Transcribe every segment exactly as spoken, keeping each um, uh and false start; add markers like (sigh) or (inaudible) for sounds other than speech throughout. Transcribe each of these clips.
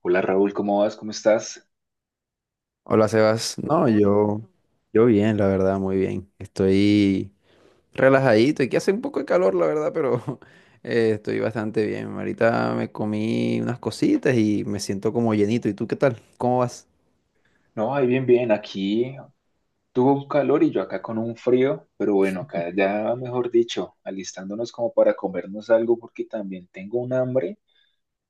Hola Raúl, ¿cómo vas? ¿Cómo estás? Hola Sebas, no, yo, yo bien, la verdad, muy bien. Estoy relajadito, aquí hace un poco de calor, la verdad, pero (laughs) eh, estoy bastante bien. Ahorita me comí unas cositas y me siento como llenito. ¿Y tú qué tal? ¿Cómo vas? No, ahí bien, bien. Aquí tuvo un calor y yo acá con un frío, pero bueno, acá ya, mejor dicho, alistándonos como para comernos algo porque también tengo un hambre.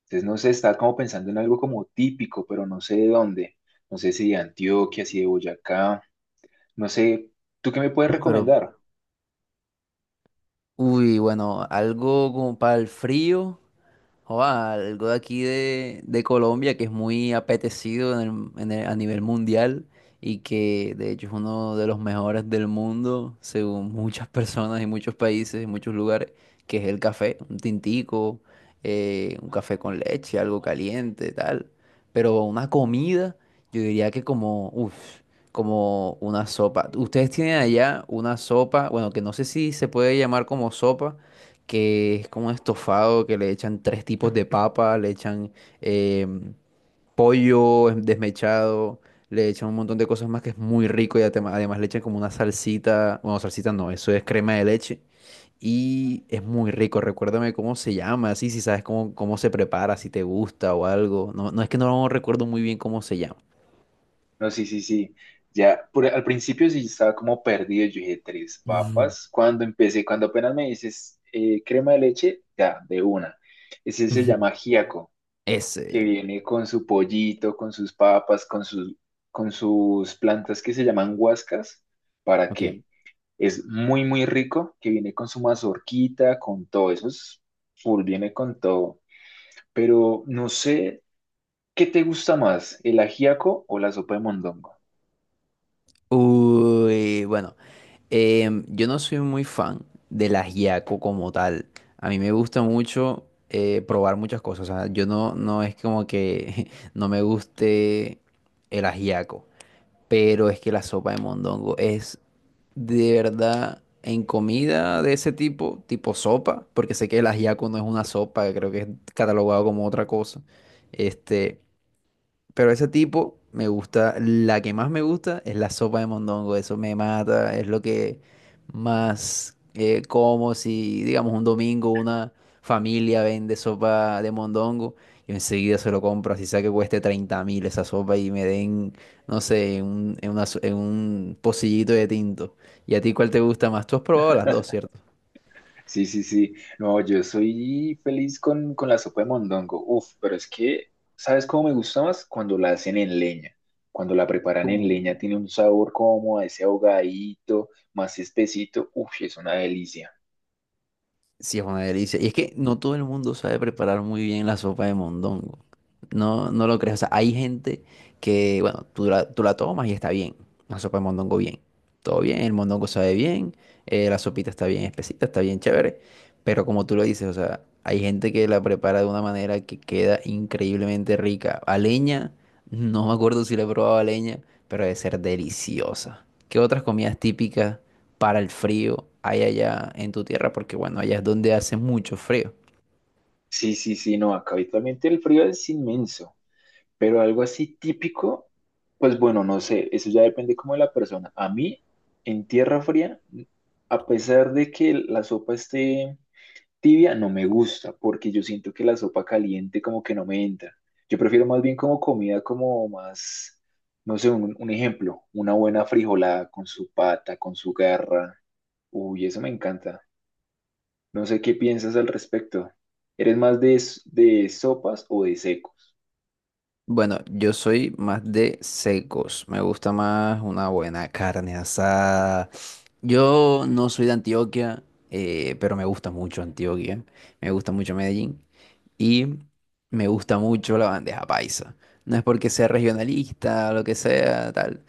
Entonces, no sé, estaba como pensando en algo como típico, pero no sé de dónde. No sé si de Antioquia, si de Boyacá, no sé. ¿Tú qué me puedes Ah, pero, recomendar? uy, bueno, algo como para el frío. Joda, algo de aquí de, de Colombia que es muy apetecido en el- en el- a nivel mundial y que de hecho es uno de los mejores del mundo, según (laughs) muchas personas y muchos países y muchos lugares, que es el café, un tintico, eh, un café con leche, algo caliente, tal. Pero una comida, yo diría que como, uff, como una sopa. Ustedes tienen allá una sopa, bueno, que no sé si se puede llamar como sopa, que es como un estofado que le echan tres tipos de papa, le echan eh, pollo em- desmechado, le echan un montón de cosas más que es muy rico y atema- además le echan como una salsita, bueno, salsita no, eso es crema de leche y es muy rico. Recuérdame cómo se llama, así si sabes cómo, cómo se prepara, si te gusta o algo. No, no es que no recuerdo muy bien cómo se llama. No, sí, sí, sí. Ya, por- al principio sí estaba como perdido. Yo dije, tres papas. (laughs) Cuando empecé, cuando apenas me dices eh, crema de leche, ya, de una. Ese se Ujú, ujú. llama ajiaco, que Ese, viene con su pollito, con sus papas, con sus, con sus plantas que se llaman huascas. ¿Para ok. qué? Es muy, muy rico, que viene con su mazorquita, con todo eso. Es full, viene con todo. Pero no sé, ¿qué te gusta más, el ajiaco o la sopa de mondongo? Uy, bueno. Em, yo no soy muy fan del ajiaco como tal. A mí me gusta mucho eh, probar muchas cosas. O sea, yo no, no es como que (laughs) no me guste el ajiaco. Pero es que la sopa de mondongo es de verdad en comida de ese tipo, tipo sopa, porque sé que el ajiaco no es una sopa, creo que es catalogado como otra cosa. Este. Pero ese tipo me gusta, la que más me gusta es la sopa de mondongo, eso me mata, es lo que más eh, como si, digamos, un domingo una familia vende sopa de mondongo, yo enseguida se lo compro, así sea que cueste treinta mil esa sopa y me den, no sé, un, en una so- en un pocillito de tinto. ¿Y a ti cuál te gusta más? Tú has probado las dos, ¿cierto? Sí, sí, sí. No, yo soy feliz con, con la sopa de mondongo. Uf, pero es que, ¿sabes cómo me gusta más? Cuando la hacen en leña. Cuando la preparan en leña tiene un sabor como a ese ahogadito, más espesito. Uf, es una delicia. Sí, es una delicia. Y es que no todo el mundo sabe preparar muy bien la sopa de mondongo. No, no lo crees. O sea, hay gente que, bueno, tú la, tú la tomas y está bien. La sopa de mondongo bien. Todo bien, el mondongo sabe bien, eh, la sopita está bien espesita, está bien chévere. Pero como tú lo dices, o sea, hay gente que la prepara de una manera que queda increíble increíblemente rica. A leña no me acuerdo si le he probado a leña, pero debe ser deliciosa. ¿Qué otras comidas típicas para el frío hay allá en tu tierra? Porque bueno, allá es donde hace mucho frío. Sí, sí, sí, no, acá habitualmente el frío es inmenso, pero algo así típico, pues bueno, no sé, eso ya depende como de la persona. A mí, en tierra fría, a pesar de que la sopa esté tibia no me gusta porque yo siento que la sopa caliente como que no me entra. Yo prefiero más bien como comida como más, no sé, un, un ejemplo, una buena frijolada con su pata, con su garra. Uy, eso me encanta. No sé qué piensas al respecto. ¿Eres más de, s- de sopas o de secos? Bueno, yo soy más de secos. Me gusta más una buena carne asada. Yo no soy de Antioquia, eh, pero me gusta mucho Antioquia. Me gusta mucho Medellín. Y me gusta mucho la bandeja paisa. No es porque sea regionalista, lo que sea, tal,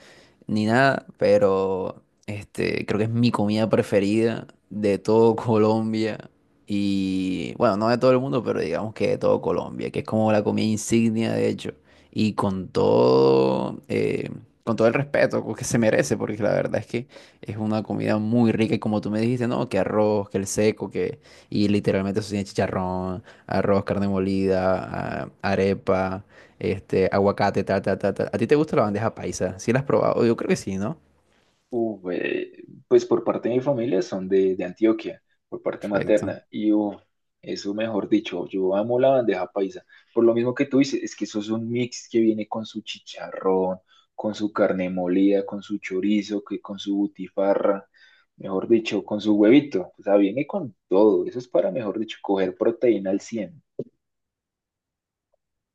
ni nada, pero este, creo que es mi comida preferida de todo (laughs) Colombia. Y bueno, no de todo el mundo, pero digamos que de todo Colombia, que es como la comida insignia, de hecho. Y con todo, eh, con todo el respeto que se merece, porque la verdad es que es una comida muy rica. Y como tú me dijiste, no, que arroz, que el seco, que... Y literalmente eso tiene chicharrón, arroz, carne molida, a- arepa, este, aguacate, tal, tal, tal, tal. ¿A ti te gusta la bandeja paisa? ¿Sí la has probado? Yo creo que sí, ¿no? Uf, eh, pues por parte de mi familia son de, de Antioquia, por parte Perfecto. materna. Y uf, eso mejor dicho, yo amo la bandeja paisa. Por lo mismo que tú dices, es que eso es un mix que viene con su chicharrón, con su carne molida, con su chorizo, que con su butifarra, mejor dicho, con su huevito. O sea, viene con todo. Eso es para, mejor dicho, coger proteína al cien.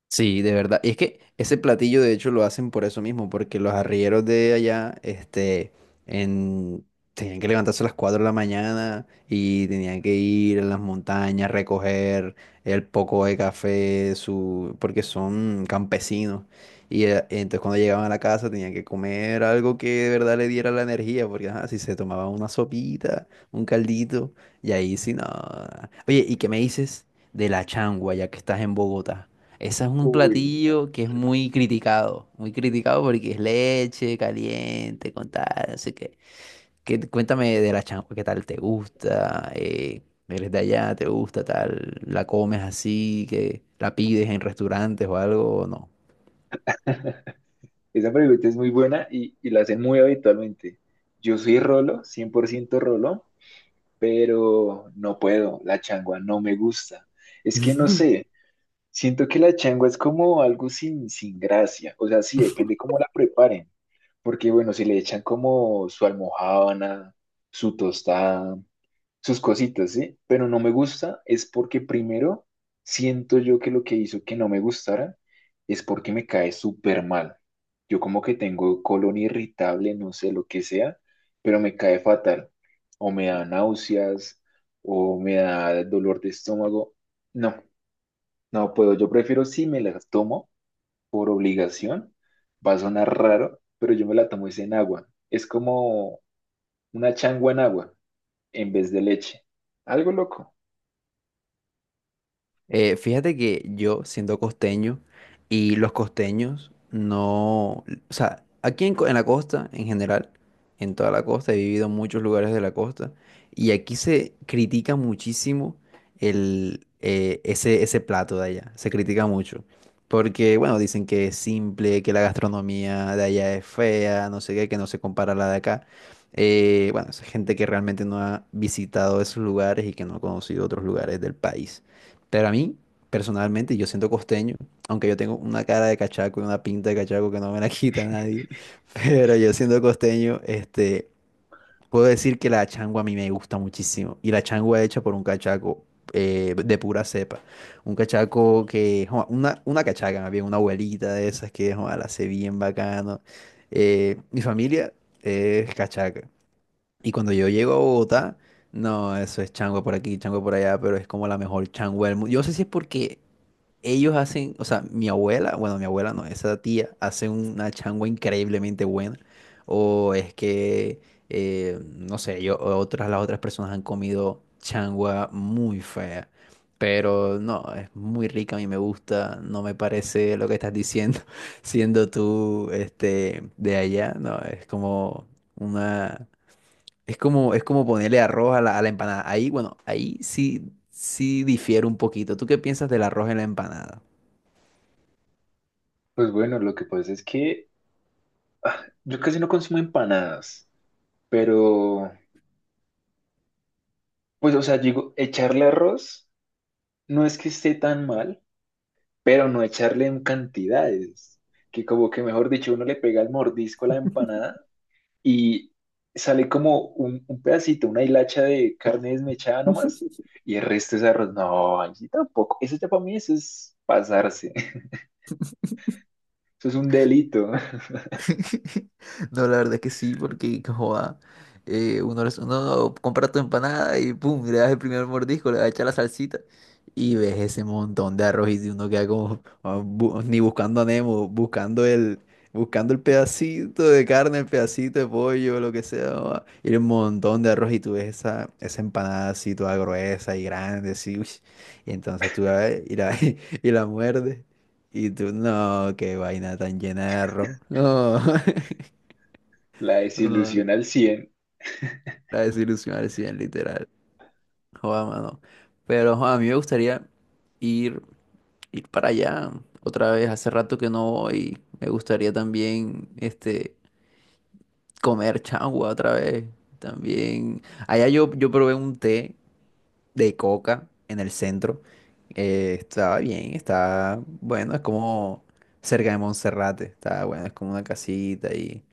Sí, de verdad. Y es que ese platillo, de hecho, lo hacen por eso mismo, porque los arrieros de allá, este, en... tenían que levantarse a las cuatro de la mañana y tenían que ir a las montañas, recoger el poco de café, su... porque son campesinos. Y eh, entonces cuando llegaban a la casa tenían que comer algo que de verdad le diera la energía, porque ajá, si se tomaban una sopita, un caldito, y ahí sí, no. Oye, ¿y qué me dices de la changua, ya que estás en Bogotá? Ese es un Uy, no. platillo que es muy criticado, muy criticado porque es leche caliente, con tal, así que, qué ¿Qué- cuéntame de la changua, qué tal te gusta, eh, eres de allá, te gusta tal, la comes así, que la pides en restaurantes o algo, o no? (laughs) Esa pregunta es muy buena y, y la hacen muy habitualmente. Yo soy Rolo, cien por ciento Rolo, pero no puedo, la changua no me gusta. Es que no (laughs) sé, siento que la changua es como algo sin, sin gracia, o sea, sí, depende cómo la preparen, porque bueno, si le echan como su almojábana, su tostada, sus cositas, ¿sí? Pero no me gusta es porque primero siento yo que lo que hizo que no me gustara es porque me cae súper mal. Yo como que tengo colon irritable, no sé lo que sea, pero me cae fatal. O me da náuseas, o me da dolor de estómago. No, no puedo. Yo prefiero si me la tomo por obligación. Va a sonar raro, pero yo me la tomo es en agua. Es como una changua en agua en vez de leche. Algo loco. Eh, fíjate que yo, siendo costeño, y los costeños no, o sea, aquí en, co- en la costa, en general, en toda la costa, he vivido en muchos lugares de la costa, y aquí se critica muchísimo el, eh, ese, ese plato de allá, se critica mucho, porque, bueno, dicen que es simple, que la gastronomía de allá es fea, no sé qué, que no se compara a la de acá. Eh, bueno, es gente que realmente no ha visitado esos lugares y que no ha conocido otros lugares del país. Pero a mí, personalmente, yo siento costeño, aunque yo tengo una cara de cachaco y una pinta de cachaco que no me la quita nadie, (laughs) pero yo siendo costeño, este, puedo decir que la changua a mí me gusta muchísimo. Y la changua hecha por un cachaco eh, de pura cepa. Un cachaco que, joa, una, una cachaca más bien, una abuelita de esas que, joa, la hace bien bacano. Eh, mi familia es cachaca. Y cuando yo llego a Bogotá, no, eso es changua por aquí, changua por allá, pero es como la mejor changua del mundo. Yo no sé si es porque ellos hacen, o sea, mi abuela, bueno, mi abuela no, esa tía hace una changua increíblemente buena, o es que, eh, no sé, yo, otras, las otras personas han comido changua muy fea. Pero no, es muy rica, a mí me gusta, no me parece lo que estás diciendo, (laughs) siendo tú este, de allá, no, es como una, es como, es como ponerle arroz a la, a la empanada. Ahí, bueno, ahí sí, sí difiere un poquito. ¿Tú qué piensas del arroz en la empanada? Pues bueno, lo que pasa es que yo casi no consumo empanadas, pero pues o sea, digo, echarle arroz no es que esté tan mal, pero no echarle en cantidades, que como que mejor dicho, uno le pega el mordisco a la empanada y sale como un, un pedacito, una hilacha de carne desmechada nomás, y el resto es arroz. No, allí tampoco. Eso ya para mí eso es pasarse. (laughs) Eso es un delito, (laughs) No, la verdad que sí, porque joda, eh, uno, les- uno compra tu empanada y pum, le das el primer mordisco, le das a echar la salsita y ves ese montón de arroz y si uno queda como ah, bu- ni buscando a Nemo, buscando el, buscando el pedacito de carne, el pedacito de pollo, lo que sea, joda, y el montón de arroz y tú ves esa, esa empanada así toda gruesa y grande, así, uy, y entonces tú la ves y la, (laughs) y la muerdes. Y tú, no, qué vaina tan llena de arroz. No. (laughs) (laughs) la No, desilusión al cien. la desilusión al cien, literal. Joda, mano. Pero joda, a mí me gustaría ir, ir para allá otra vez. Hace rato que no voy. Me gustaría también este, comer changua otra vez. También. Allá yo, yo probé un té de coca en el centro. Eh, estaba bien, estaba bueno, es como cerca de Monserrate, estaba bueno, es como una casita y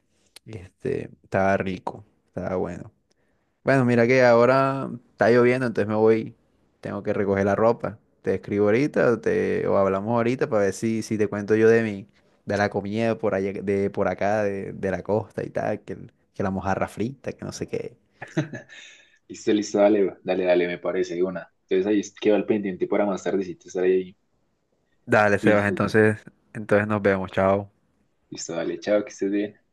este, estaba rico, estaba bueno. Bueno, mira que ahora está lloviendo, entonces me voy, tengo que recoger la ropa. Te escribo ahorita o, te, o hablamos ahorita para ver si, si te cuento yo de mi, de la comida por allá, de por acá, de, de la costa y tal, que, el- que la mojarra frita, que no sé qué. Listo, listo, dale, dale, dale, me parece, de una. Entonces ahí queda el pendiente para más tardecito estar ahí Dale, Sebas, juicioso. entonces, entonces nos vemos, chao. Listo, dale, chao, que estés bien.